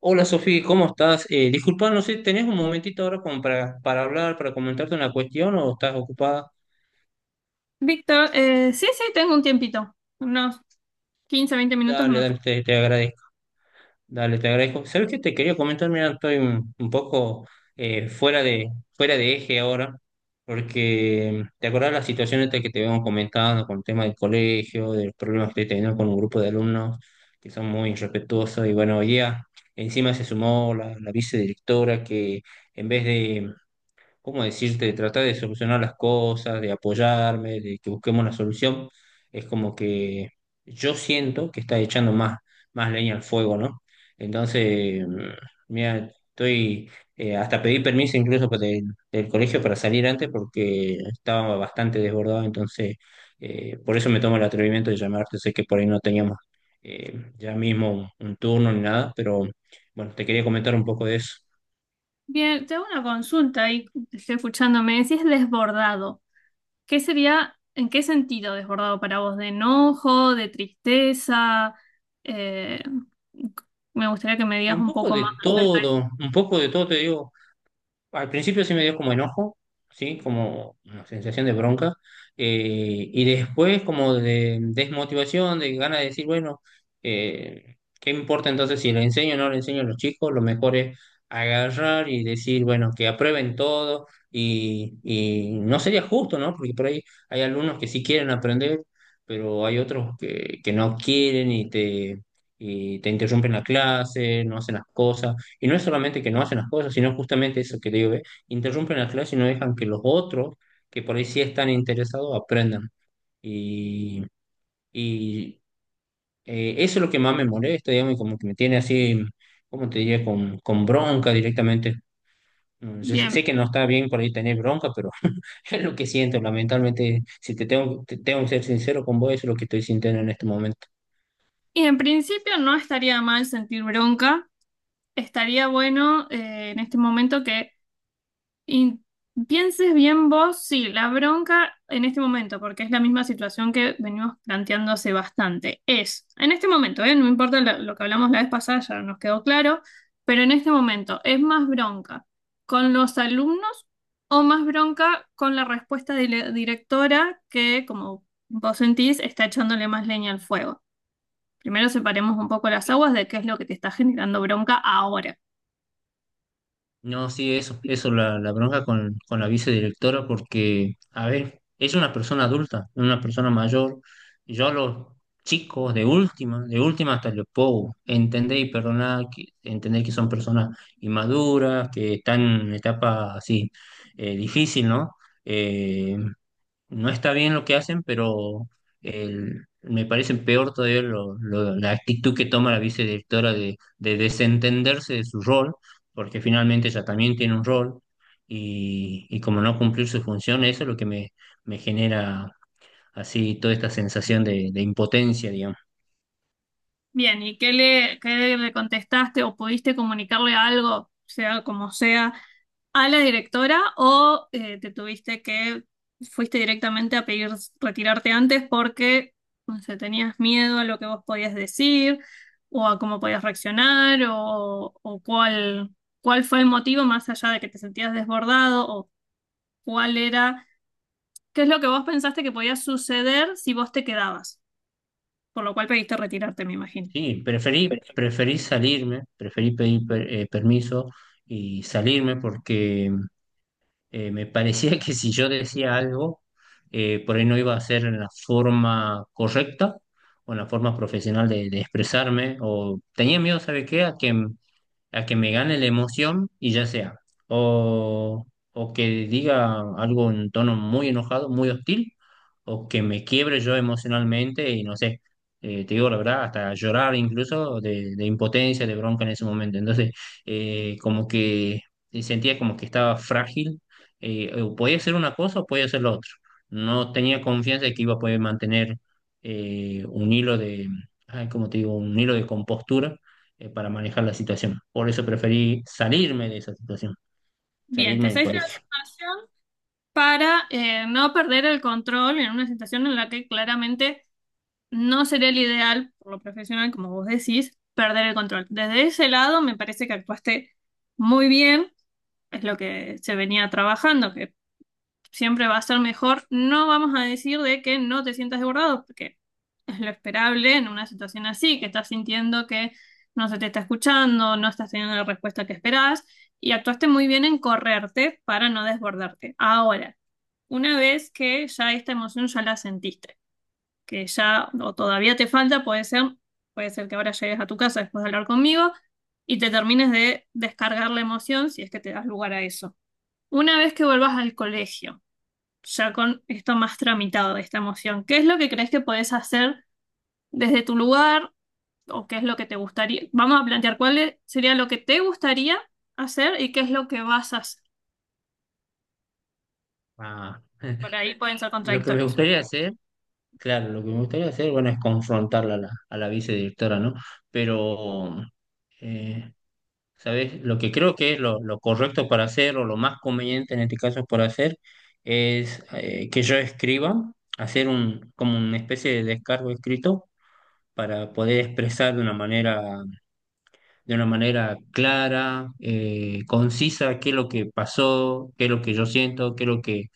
Hola Sofía, ¿cómo estás? Disculpa, no sé, ¿tenés un momentito ahora como para hablar, para comentarte una cuestión o estás ocupada? Víctor, sí, tengo un tiempito, unos 15, 20 minutos Dale, me dale, puedo. te agradezco. Dale, te agradezco. ¿Sabes qué te quería comentar? Mira, estoy un poco fuera de eje ahora, porque te acordás la situación esta que te habíamos comentado con el tema del colegio, de los problemas que estoy teniendo con un grupo de alumnos que son muy irrespetuosos y bueno, hoy día encima se sumó la vicedirectora que en vez de ¿cómo decirte?, de tratar de solucionar las cosas, de apoyarme, de que busquemos la solución, es como que yo siento que está echando más, más leña al fuego, ¿no? Entonces, mira, estoy, hasta pedí permiso incluso para del colegio para salir antes porque estaba bastante desbordado, entonces, por eso me tomo el atrevimiento de llamarte, sé que por ahí no teníamos ya mismo un turno ni nada, pero bueno, te quería comentar un poco de eso. Bien, tengo una consulta y estoy escuchándome, decís desbordado. ¿Qué sería, en qué sentido desbordado para vos? ¿De enojo, de tristeza? Eh, me gustaría que me Y digas un un poco poco más de acerca de eso. todo, un poco de todo, te digo, al principio sí me dio como enojo, sí, como una sensación de bronca, y después como de desmotivación, de ganas de decir, bueno, ¿qué importa entonces si le enseño o no le enseño a los chicos? Lo mejor es agarrar y decir, bueno, que aprueben todo y no sería justo, ¿no? Porque por ahí hay alumnos que sí quieren aprender, pero hay otros que no quieren y y te interrumpen la clase, no hacen las cosas. Y no es solamente que no hacen las cosas, sino justamente eso que digo, ve, interrumpen la clase y no dejan que los otros, que por ahí sí están interesados, aprendan. Y, y, Eso es lo que más me molesta, digamos, y como que me tiene así, ¿cómo te diría? Con bronca directamente. Yo sé Bien, sé que no está bien por ahí tener bronca, pero es lo que siento, lamentablemente, si te tengo, te tengo que ser sincero con vos, eso es lo que estoy sintiendo en este momento. y en principio no estaría mal sentir bronca, estaría bueno en este momento que Y pienses bien vos, sí, la bronca en este momento, porque es la misma situación que venimos planteando hace bastante, es, en este momento, ¿eh? No importa lo que hablamos la vez pasada, ya nos quedó claro, pero en este momento, ¿es más bronca con los alumnos o más bronca con la respuesta de la directora que, como vos sentís, está echándole más leña al fuego? Primero separemos un poco las aguas de qué es lo que te está generando bronca ahora. No, sí, eso, la bronca con la vicedirectora, porque, a ver, es una persona adulta, es una persona mayor. Yo a los chicos, de última hasta les puedo entender y perdonar, entender que son personas inmaduras, que están en etapa así difícil, ¿no? Eh, no está bien lo que hacen, pero me parece peor todavía la actitud que toma la vicedirectora de desentenderse de su rol, porque finalmente ella también tiene un rol y como no cumplir su función, eso es lo que me genera así toda esta sensación de impotencia, digamos. Bien, ¿y qué le contestaste o pudiste comunicarle algo, sea como sea, a la directora o te tuviste que, fuiste directamente a pedir retirarte antes porque, no sé, tenías miedo a lo que vos podías decir o a cómo podías reaccionar o cuál, cuál fue el motivo más allá de que te sentías desbordado o cuál era, qué es lo que vos pensaste que podía suceder si vos te quedabas, por lo cual pediste retirarte, me imagino. Sí, preferí, preferí salirme, preferí pedir permiso y salirme porque me parecía que si yo decía algo, por ahí no iba a ser en la forma correcta o en la forma profesional de expresarme, o tenía miedo, ¿sabe qué? A que me gane la emoción y ya sea, o, o que diga algo en tono muy enojado, muy hostil, o que me quiebre yo emocionalmente y no sé, te digo la verdad, hasta llorar incluso de impotencia, de bronca en ese momento. Entonces, como que sentía como que estaba frágil, o podía hacer una cosa o podía hacer lo otro. No tenía confianza de que iba a poder mantener un hilo de, ay, ¿cómo te digo? Un hilo de compostura para manejar la situación. Por eso preferí salirme de esa situación, Bien, salirme te del seguiste la colegio. situación para no perder el control en una situación en la que claramente no sería el ideal, por lo profesional, como vos decís, perder el control. Desde ese lado me parece que actuaste muy bien, es lo que se venía trabajando, que siempre va a ser mejor. No vamos a decir de que no te sientas desbordado, porque es lo esperable en una situación así, que estás sintiendo que no se te está escuchando, no estás teniendo la respuesta que esperás, y actuaste muy bien en correrte para no desbordarte. Ahora, una vez que ya esta emoción ya la sentiste, que ya o todavía te falta, puede ser que ahora llegues a tu casa después de hablar conmigo y te termines de descargar la emoción si es que te das lugar a eso. Una vez que vuelvas al colegio, ya con esto más tramitado, de esta emoción, ¿qué es lo que crees que podés hacer desde tu lugar o qué es lo que te gustaría? Vamos a plantear sería lo que te gustaría hacer y qué es lo que vas a hacer. Ah, Por ahí pueden ser lo que me contradictorios. gustaría hacer, claro, lo que me gustaría hacer, bueno, es confrontarla a la vicedirectora, ¿no? Pero, eh, ¿sabes? Lo que creo que es lo correcto para hacer, o lo más conveniente en este caso por hacer, es que yo escriba, hacer un, como una especie de descargo escrito para poder expresar de una manera clara, concisa, qué es lo que pasó, qué es lo que yo siento, qué es lo que,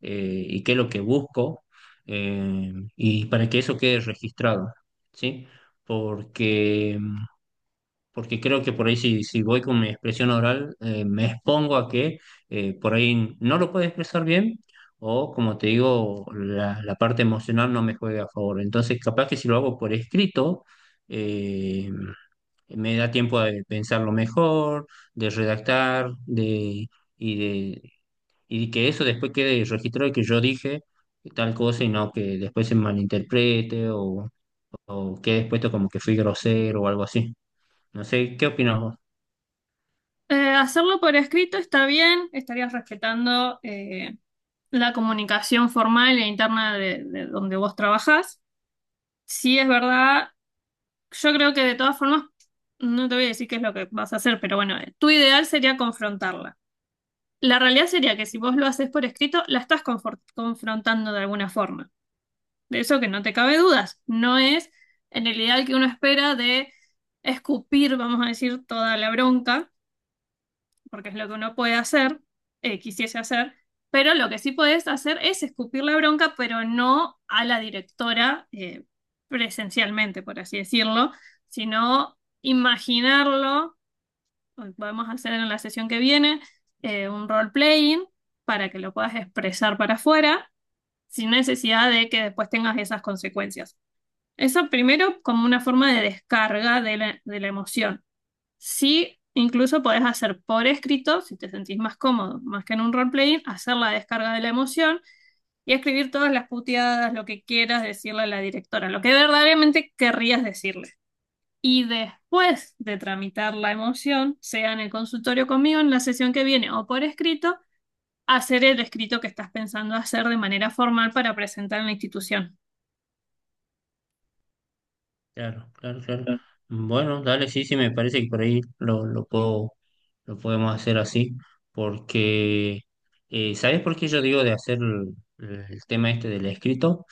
y qué es lo que busco, y para que eso quede registrado, ¿sí? Porque, porque creo que por ahí si voy con mi expresión oral, me expongo a que por ahí no lo puedo expresar bien. O, como te digo, la parte emocional no me juega a favor. Entonces, capaz que si lo hago por escrito, eh, me da tiempo de pensarlo mejor, de redactar, y de, y que eso después quede registrado y que yo dije tal cosa y no que después se malinterprete o quede puesto como que fui grosero o algo así. No sé, ¿qué opinas vos? Hacerlo por escrito está bien, estarías respetando la comunicación formal e interna de donde vos trabajás. Sí, es verdad, yo creo que de todas formas, no te voy a decir qué es lo que vas a hacer, pero bueno, tu ideal sería confrontarla. La realidad sería que si vos lo haces por escrito, la estás confrontando de alguna forma. De eso que no te cabe dudas, no es en el ideal que uno espera de escupir, vamos a decir, toda la bronca porque es lo que uno puede hacer, quisiese hacer, pero lo que sí podés hacer es escupir la bronca, pero no a la directora presencialmente, por así decirlo, sino imaginarlo, podemos hacer en la sesión que viene un role-playing para que lo puedas expresar para afuera sin necesidad de que después tengas esas consecuencias. Eso primero como una forma de descarga de la emoción. Sí, incluso podés hacer por escrito, si te sentís más cómodo, más que en un roleplaying, hacer la descarga de la emoción y escribir todas las puteadas, lo que quieras decirle a la directora, lo que verdaderamente querrías decirle. Y después de tramitar la emoción, sea en el consultorio conmigo, en la sesión que viene o por escrito, hacer el escrito que estás pensando hacer de manera formal para presentar en la institución. Claro, claro, claro. Bueno, dale, sí, sí, me parece que por ahí lo puedo, lo podemos hacer así, porque ¿sabes por qué yo digo de hacer el tema este del escrito?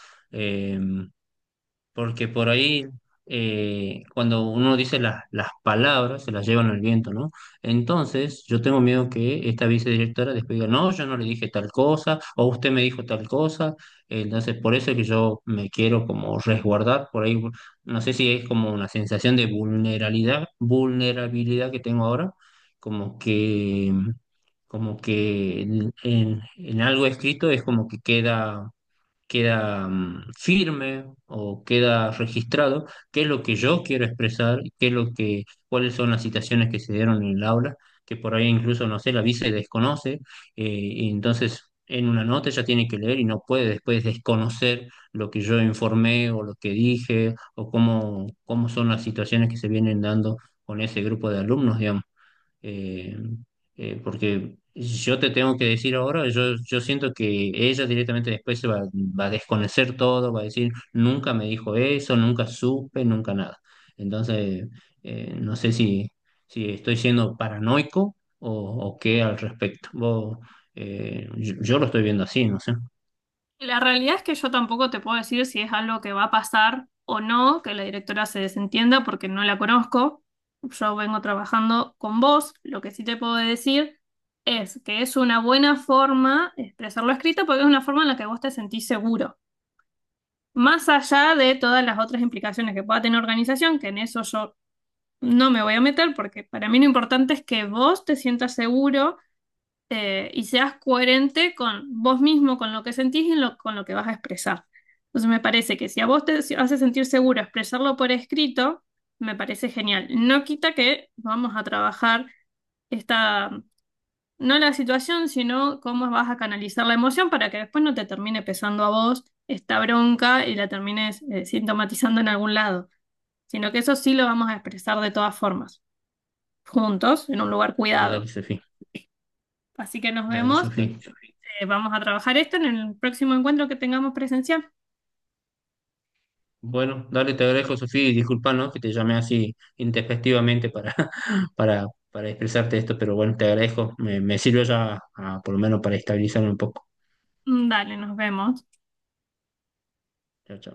Porque por ahí cuando uno dice las palabras se las llevan al viento, ¿no? Entonces yo tengo miedo que esta vicedirectora después diga, no, yo no le dije tal cosa, o usted me dijo tal cosa, entonces por eso es que yo me quiero como resguardar, por ahí no sé si es como una sensación de vulnerabilidad, vulnerabilidad que tengo ahora, como que... como que en en algo escrito es como que queda queda firme o queda registrado qué es lo que yo quiero expresar, qué es lo que, cuáles son las situaciones que se dieron en el aula, que por ahí incluso, no sé, la vice desconoce, y entonces en una nota ella tiene que leer y no puede después desconocer lo que yo informé o lo que dije o cómo, cómo son las situaciones que se vienen dando con ese grupo de alumnos, digamos eh, porque yo te tengo que decir ahora, yo siento que ella directamente después se va, va a desconocer todo, va a decir, nunca me dijo eso, nunca supe, nunca nada. Entonces, no sé si estoy siendo paranoico o qué al respecto. Vos, yo lo estoy viendo así, no sé. La realidad es que yo tampoco te puedo decir si es algo que va a pasar o no, que la directora se desentienda porque no la conozco. Yo vengo trabajando con vos. Lo que sí te puedo decir es que es una buena forma expresarlo escrito porque es una forma en la que vos te sentís seguro. Más allá de todas las otras implicaciones que pueda tener organización, que en eso yo no me voy a meter porque para mí lo importante es que vos te sientas seguro y seas coherente con vos mismo, con lo que sentís y con lo que vas a expresar. Entonces me parece que si a vos te hace sentir seguro expresarlo por escrito, me parece genial. No quita que vamos a trabajar esta, no la situación, sino cómo vas a canalizar la emoción para que después no te termine pesando a vos esta bronca y la termines sintomatizando en algún lado, sino que eso sí lo vamos a expresar de todas formas, juntos, en un lugar Dale, dale, cuidado. Sofía. Así que nos Dale, vemos. Sofía. Vamos a trabajar esto en el próximo encuentro que tengamos presencial. Bueno, dale, te agradezco, Sofía, y disculpa, ¿no? Que te llamé así intempestivamente para, para expresarte esto, pero bueno, te agradezco. Me sirve ya, por lo menos, para estabilizarme un poco. Mm, dale, nos vemos. Chao, chao.